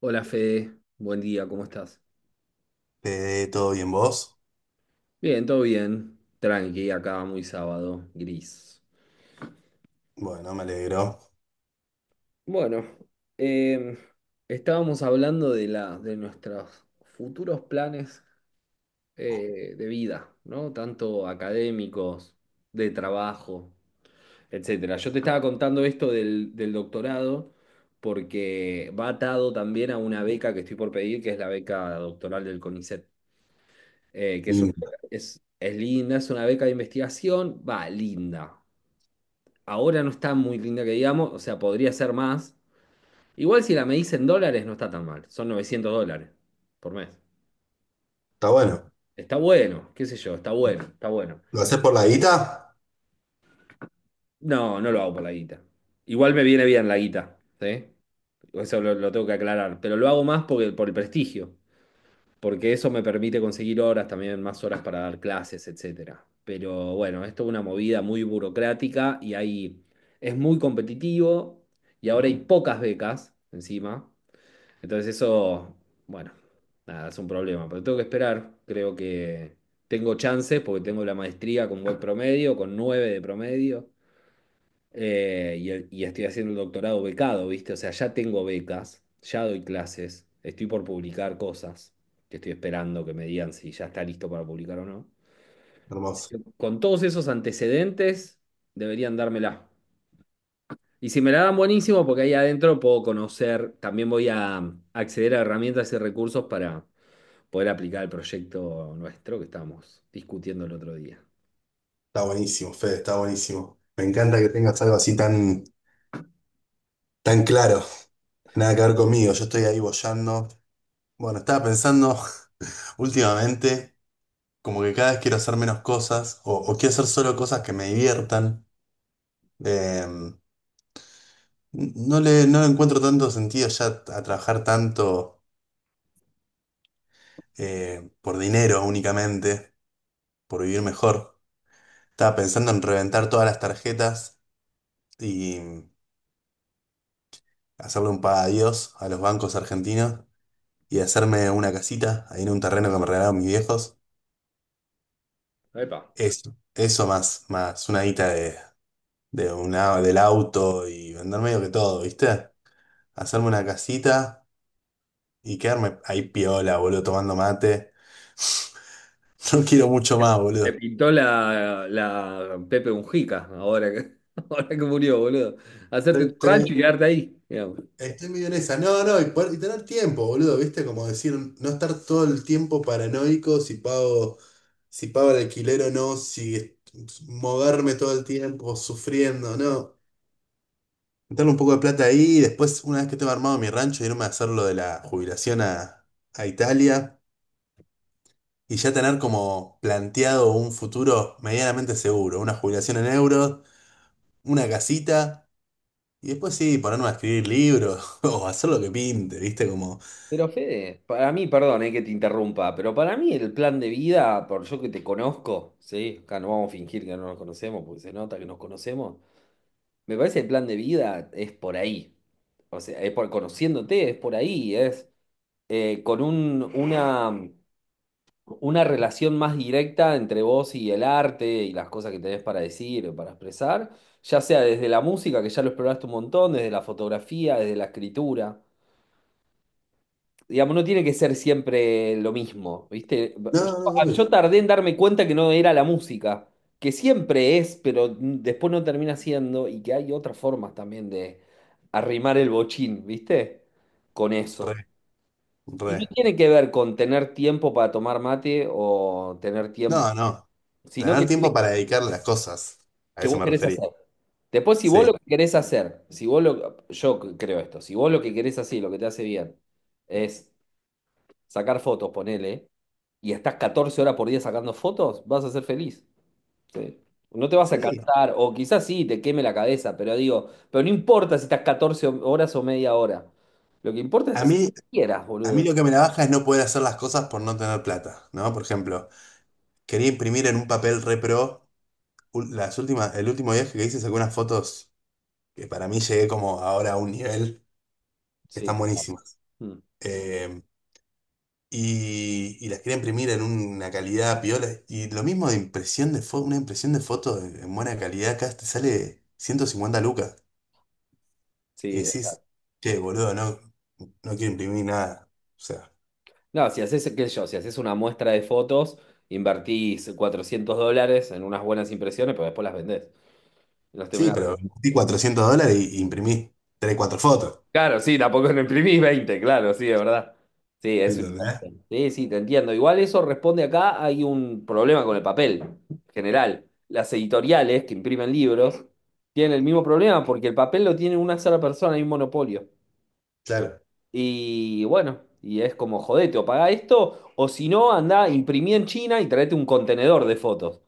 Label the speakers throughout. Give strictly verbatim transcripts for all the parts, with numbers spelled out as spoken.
Speaker 1: Hola Fede, buen día, ¿cómo estás?
Speaker 2: Eh, ¿todo bien vos?
Speaker 1: Bien, todo bien, tranqui, acá muy sábado, gris.
Speaker 2: Bueno, me alegro.
Speaker 1: Bueno, em, estábamos hablando de la, de nuestros futuros planes eh, de vida, ¿no? Tanto académicos, de trabajo, etcétera. Yo te estaba contando esto del, del doctorado porque va atado también a una beca que estoy por pedir, que es la beca doctoral del CONICET. Eh, que es, una
Speaker 2: Lindo.
Speaker 1: beca- es, es linda, es una beca de investigación, va, linda. Ahora no está muy linda que digamos, o sea, podría ser más. Igual si la medís en dólares no está tan mal, son novecientos dólares por mes.
Speaker 2: Está bueno.
Speaker 1: Está bueno, qué sé yo, está bueno, está bueno.
Speaker 2: ¿Lo haces por la guita?
Speaker 1: No, no lo hago por la guita. Igual me viene bien la guita, ¿sí? Eso lo, lo tengo que aclarar, pero lo hago más porque, por el prestigio. Porque eso me permite conseguir horas, también más horas para dar clases, etcétera. Pero bueno, esto es una movida muy burocrática y ahí es muy competitivo y ahora hay pocas becas encima. Entonces eso, bueno, nada, es un problema, pero tengo que esperar. Creo que tengo chances porque tengo la maestría con buen promedio, con nueve de promedio eh, y, el- y estoy haciendo el doctorado becado, ¿viste? O sea, ya tengo becas, ya doy clases, estoy por publicar cosas, que estoy esperando que me digan si ya está listo para publicar o no. Así
Speaker 2: Hermoso.
Speaker 1: que con todos esos antecedentes, deberían dármela. Y si me la dan, buenísimo, porque ahí adentro puedo conocer, también voy a um, acceder a herramientas y recursos para poder aplicar el proyecto nuestro que estábamos discutiendo el otro día.
Speaker 2: Está buenísimo, Fede, está buenísimo. Me encanta que tengas algo así tan, tan claro. Nada que ver conmigo, yo estoy ahí boyando. Bueno, estaba pensando últimamente, como que cada vez quiero hacer menos cosas, o, o quiero hacer solo cosas que me diviertan. Eh, no le, no le encuentro tanto sentido ya a trabajar tanto, eh, por dinero únicamente, por vivir mejor. Estaba pensando en reventar todas las tarjetas y hacerle un paga adiós a los bancos argentinos y hacerme una casita ahí en un terreno que me regalaron mis viejos.
Speaker 1: Epa.
Speaker 2: Eso, eso más, más una guita de, de una, del auto y vender medio que todo, ¿viste? Hacerme una casita y quedarme ahí piola, boludo, tomando mate. No quiero mucho más,
Speaker 1: Me
Speaker 2: boludo.
Speaker 1: pintó la, la Pepe Mujica, ahora que, ahora que murió, boludo.
Speaker 2: Estoy,
Speaker 1: Hacerte tu rancho y
Speaker 2: estoy-
Speaker 1: quedarte ahí, digamos.
Speaker 2: Estoy medio en esa. No, no, y, poder- y tener tiempo, boludo, ¿viste? Como decir, no estar todo el tiempo paranoico si pago, si pago el alquiler o no, si est- moverme todo el tiempo sufriendo, no. Meterle un poco de plata ahí y después, una vez que tengo armado mi rancho, irme a hacer lo de la jubilación a, a Italia y ya tener como planteado un futuro medianamente seguro, una jubilación en euros, una casita y después sí, ponerme a escribir libros o hacer lo que pinte, ¿viste? Como.
Speaker 1: Pero Fede, para mí, perdón, eh, que te interrumpa, pero para mí el plan de vida, por yo que te conozco, ¿sí? Acá no vamos a fingir que no nos conocemos, porque se nota que nos conocemos. Me parece que el plan de vida es por ahí. O sea, es por conociéndote, es por ahí, es eh, con un, una una relación más directa entre vos y el arte y las cosas que tenés para decir o para expresar, ya sea desde la música, que ya lo exploraste un montón, desde la fotografía, desde la escritura. Digamos, no tiene que ser siempre lo mismo, ¿viste? Yo,
Speaker 2: No, no,
Speaker 1: ah, yo
Speaker 2: obvio.
Speaker 1: tardé en darme cuenta que no era la música, que siempre es, pero después no termina siendo, y que hay otras formas también de arrimar el bochín, ¿viste? Con
Speaker 2: Re,
Speaker 1: eso. Y
Speaker 2: re.
Speaker 1: no tiene que ver con tener tiempo para tomar mate o tener tiempo,
Speaker 2: No, no.
Speaker 1: sino
Speaker 2: Tener
Speaker 1: que tiene
Speaker 2: tiempo para dedicarle a las cosas. A
Speaker 1: que
Speaker 2: eso
Speaker 1: vos
Speaker 2: me
Speaker 1: querés
Speaker 2: refería.
Speaker 1: hacer. Después, si vos lo
Speaker 2: Sí.
Speaker 1: que querés hacer, si vos lo, yo creo esto, si vos lo que querés hacer, y lo que te hace bien, es sacar fotos, ponele, y estás catorce horas por día sacando fotos, vas a ser feliz. Sí. No te vas a
Speaker 2: Sí.
Speaker 1: cansar, o quizás sí, te queme la cabeza, pero digo, pero no importa si estás catorce horas o media hora. Lo que importa es
Speaker 2: A
Speaker 1: hacer lo
Speaker 2: mí,
Speaker 1: que quieras,
Speaker 2: a mí
Speaker 1: boludo.
Speaker 2: lo que me la baja es no poder hacer las cosas por no tener plata, ¿no? Por ejemplo, quería imprimir en un papel re pro. Ul- Las últimas, el último viaje que hice saqué unas fotos que para mí llegué como ahora a un nivel que
Speaker 1: Sí,
Speaker 2: están
Speaker 1: compadre.
Speaker 2: buenísimas.
Speaker 1: Mm.
Speaker 2: Eh, y, y las quería imprimir en una calidad piola. Y lo mismo de impresión de foto, una impresión de foto en buena calidad acá te sale ciento cincuenta lucas. Y
Speaker 1: Sí.
Speaker 2: decís, che, boludo, no, no quiero imprimir nada. O sea,
Speaker 1: No, si haces, qué sé yo, si haces una muestra de fotos, invertís cuatrocientos dólares en unas buenas impresiones, pero después las vendés. Las
Speaker 2: sí,
Speaker 1: terminás-
Speaker 2: pero invertí cuatrocientos dólares y y imprimí tres cuatro fotos.
Speaker 1: Claro, sí, tampoco no imprimís veinte, claro, sí, es verdad. Sí, es un...
Speaker 2: ¿Entendés?
Speaker 1: Sí, sí, te entiendo. Igual eso responde acá, hay un problema con el papel general. Las editoriales que imprimen libros tienen el mismo problema porque el papel lo tiene una sola persona, hay un monopolio.
Speaker 2: Claro.
Speaker 1: Y bueno, y es como, jodete, o pagá esto, o si no, andá, imprimí en China y traete un contenedor de fotos,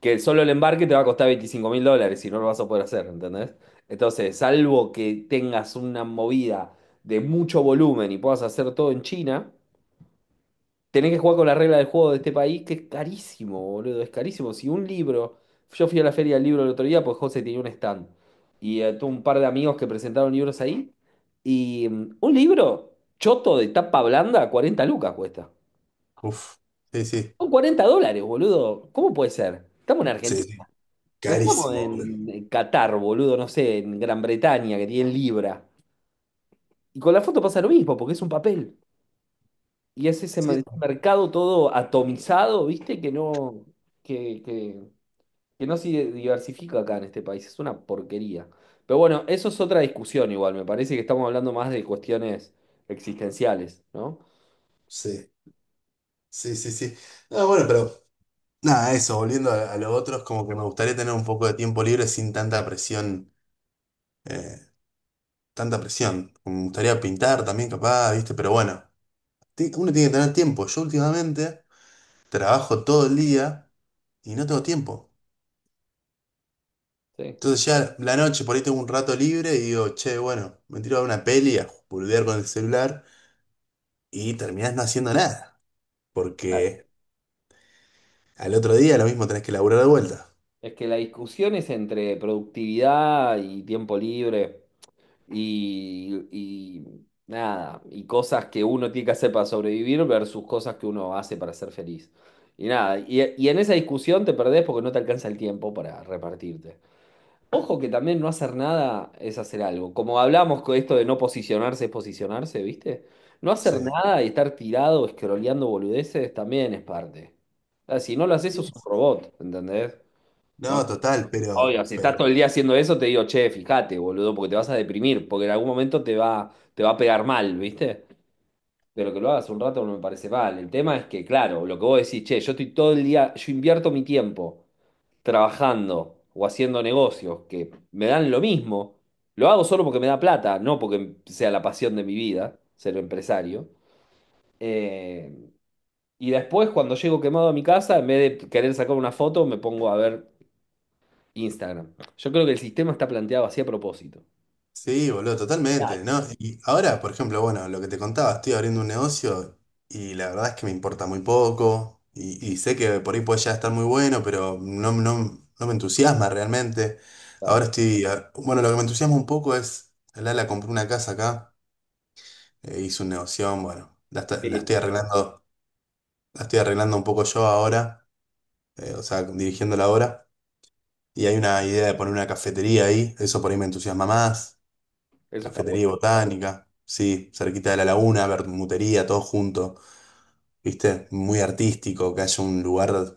Speaker 1: que solo el embarque te va a costar veinticinco mil dólares y no lo vas a poder hacer, ¿entendés? Entonces, salvo que tengas una movida de mucho volumen y puedas hacer todo en China, tenés que jugar con la regla del juego de este país, que es carísimo, boludo, es carísimo. Si un libro, yo fui a la feria del libro el otro día, pues José tenía un stand y eh, tuve un par de amigos que presentaron libros ahí y mm, un libro choto de tapa blanda, cuarenta lucas cuesta.
Speaker 2: Uf, sí, sí.
Speaker 1: Son cuarenta dólares, boludo. ¿Cómo puede ser? Estamos en
Speaker 2: Sí,
Speaker 1: Argentina.
Speaker 2: sí.
Speaker 1: No estamos
Speaker 2: Carísimo, boludo.
Speaker 1: en Qatar, boludo, no sé, en Gran Bretaña, que tienen libra. Y con la foto pasa lo mismo, porque es un papel. Y es ese
Speaker 2: Sí,
Speaker 1: mer- mercado todo atomizado, ¿viste? Que no, que, que, que no se diversifica acá en este país. Es una porquería. Pero bueno, eso es otra discusión igual. Me parece que estamos hablando más de cuestiones existenciales, ¿no?
Speaker 2: sí, sí, sí, sí. No, bueno, pero nada, eso, volviendo a, a lo otro, es como que me gustaría tener un poco de tiempo libre sin tanta presión, eh, tanta presión. Me gustaría pintar también, capaz, ¿viste? Pero bueno, ti- uno tiene que tener tiempo. Yo últimamente trabajo todo el día y no tengo tiempo.
Speaker 1: Sí.
Speaker 2: Entonces ya la noche, por ahí tengo un rato libre y digo, che, bueno, me tiro a ver una peli, a boludear con el celular y terminás no haciendo nada,
Speaker 1: Claro.
Speaker 2: porque al otro día lo mismo tenés que laburar de vuelta.
Speaker 1: Es que la discusión es entre productividad y tiempo libre. y, y nada, y cosas que uno tiene que hacer para sobrevivir versus cosas que uno hace para ser feliz. Y nada, y, y en esa discusión te perdés porque no te alcanza el tiempo para repartirte. Ojo que también no hacer nada es hacer algo. Como hablamos con esto de no posicionarse es posicionarse, ¿viste? No hacer
Speaker 2: Sí.
Speaker 1: nada y estar tirado, escroleando boludeces, también es parte. Ah, si no lo haces,
Speaker 2: Sí.
Speaker 1: sos un robot, ¿entendés?
Speaker 2: No, total, pero,
Speaker 1: Obvio, si estás
Speaker 2: pero
Speaker 1: todo el día haciendo eso, te digo, che, fíjate, boludo, porque te vas a deprimir, porque en algún momento te va, te va a pegar mal, ¿viste? Pero que lo hagas un rato no me parece mal. El tema es que, claro, lo que vos decís, che, yo estoy todo el día, yo invierto mi tiempo trabajando o haciendo negocios que me dan lo mismo, lo hago solo porque me da plata, no porque sea la pasión de mi vida, ser empresario. Eh, y después, cuando llego quemado a mi casa, en vez de querer sacar una foto, me pongo a ver Instagram. Yo creo que el sistema está planteado así a propósito.
Speaker 2: Sí, boludo, totalmente, ¿no? Y ahora, por ejemplo, bueno, lo que te contaba, estoy abriendo un negocio y la verdad es que me importa muy poco y, y sé que por ahí puede ya estar muy bueno, pero no, no, no me entusiasma realmente. Ahora
Speaker 1: Claro.
Speaker 2: estoy, a- bueno, lo que me entusiasma un poco es, Lala compró una casa acá, eh, hizo un negocio, bueno, la, está- la
Speaker 1: Sí,
Speaker 2: estoy arreglando, la estoy arreglando un poco yo ahora, eh, o sea, dirigiendo la obra y hay una idea de poner una cafetería ahí, eso por ahí me entusiasma más.
Speaker 1: eso está
Speaker 2: Cafetería
Speaker 1: bueno.
Speaker 2: y botánica, sí, cerquita de la laguna, bermutería, todo junto, ¿viste? Muy artístico, que haya un lugar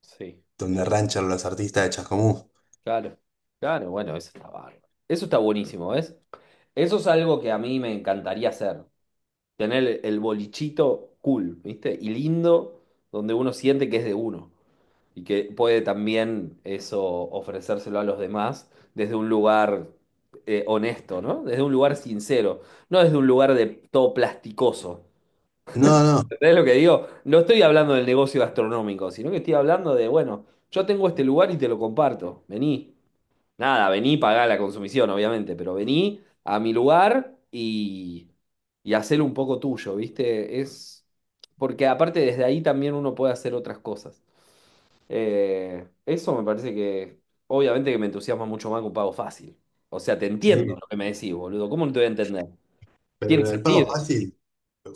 Speaker 1: Sí,
Speaker 2: donde ranchan los artistas de Chascomús.
Speaker 1: claro. Claro, bueno, eso está bárbaro. Eso está buenísimo, ¿ves? Eso es algo que a mí me encantaría hacer. Tener el el bolichito cool, ¿viste? Y lindo, donde uno siente que es de uno. Y que puede también eso ofrecérselo a los demás desde un lugar eh, honesto, ¿no? Desde un lugar sincero. No desde un lugar de todo plasticoso.
Speaker 2: No, no,
Speaker 1: ¿Entendés lo que digo? No estoy hablando del negocio gastronómico, sino que estoy hablando de, bueno, yo tengo este lugar y te lo comparto. Vení. Nada, vení, pagá la consumición, obviamente, pero vení a mi lugar y, y hacelo un poco tuyo, ¿viste? Es porque aparte desde ahí también uno puede hacer otras cosas. Eh, eso me parece que, obviamente que me entusiasma mucho más que un pago fácil. O sea, te entiendo
Speaker 2: sí,
Speaker 1: lo que me decís, boludo. ¿Cómo no te voy a entender?
Speaker 2: pero
Speaker 1: Tiene
Speaker 2: lo del pago
Speaker 1: sentido,
Speaker 2: fácil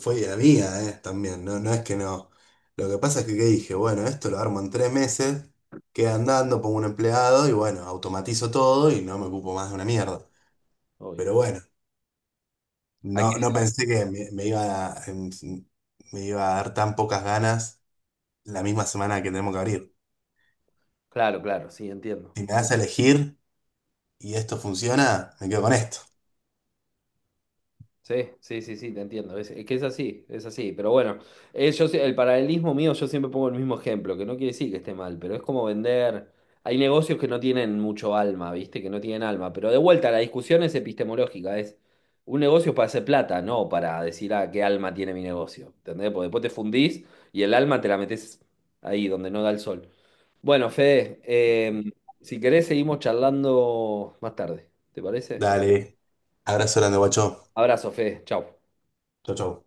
Speaker 2: fue idea mía, eh, también, no, no es que no. Lo que pasa es que, ¿qué dije, bueno, esto lo armo en tres meses, queda andando, pongo un empleado y bueno, automatizo todo y no me ocupo más de una mierda.
Speaker 1: obvio.
Speaker 2: Pero bueno,
Speaker 1: Hay
Speaker 2: no,
Speaker 1: que-
Speaker 2: no pensé que me, me iba a, em, me iba a dar tan pocas ganas la misma semana que tenemos que abrir.
Speaker 1: Claro, claro, sí, entiendo.
Speaker 2: Si me das a elegir y esto funciona, me quedo con esto.
Speaker 1: Sí, sí, sí, sí, te entiendo. Es, es que es así, es así. Pero bueno, eh, yo sie- el paralelismo mío, yo siempre pongo el mismo ejemplo, que no quiere decir que esté mal, pero es como vender. Hay negocios que no tienen mucho alma, ¿viste? Que no tienen alma. Pero de vuelta, la discusión es epistemológica. Es un negocio para hacer plata, no para decir, ah, qué alma tiene mi negocio. ¿Entendés? Porque después te fundís y el alma te la metés ahí, donde no da el sol. Bueno, Fede, eh, si querés, seguimos charlando más tarde. ¿Te parece?
Speaker 2: Dale, abrazo grande, guacho.
Speaker 1: Abrazo, Fede. Chau.
Speaker 2: Chau, chau.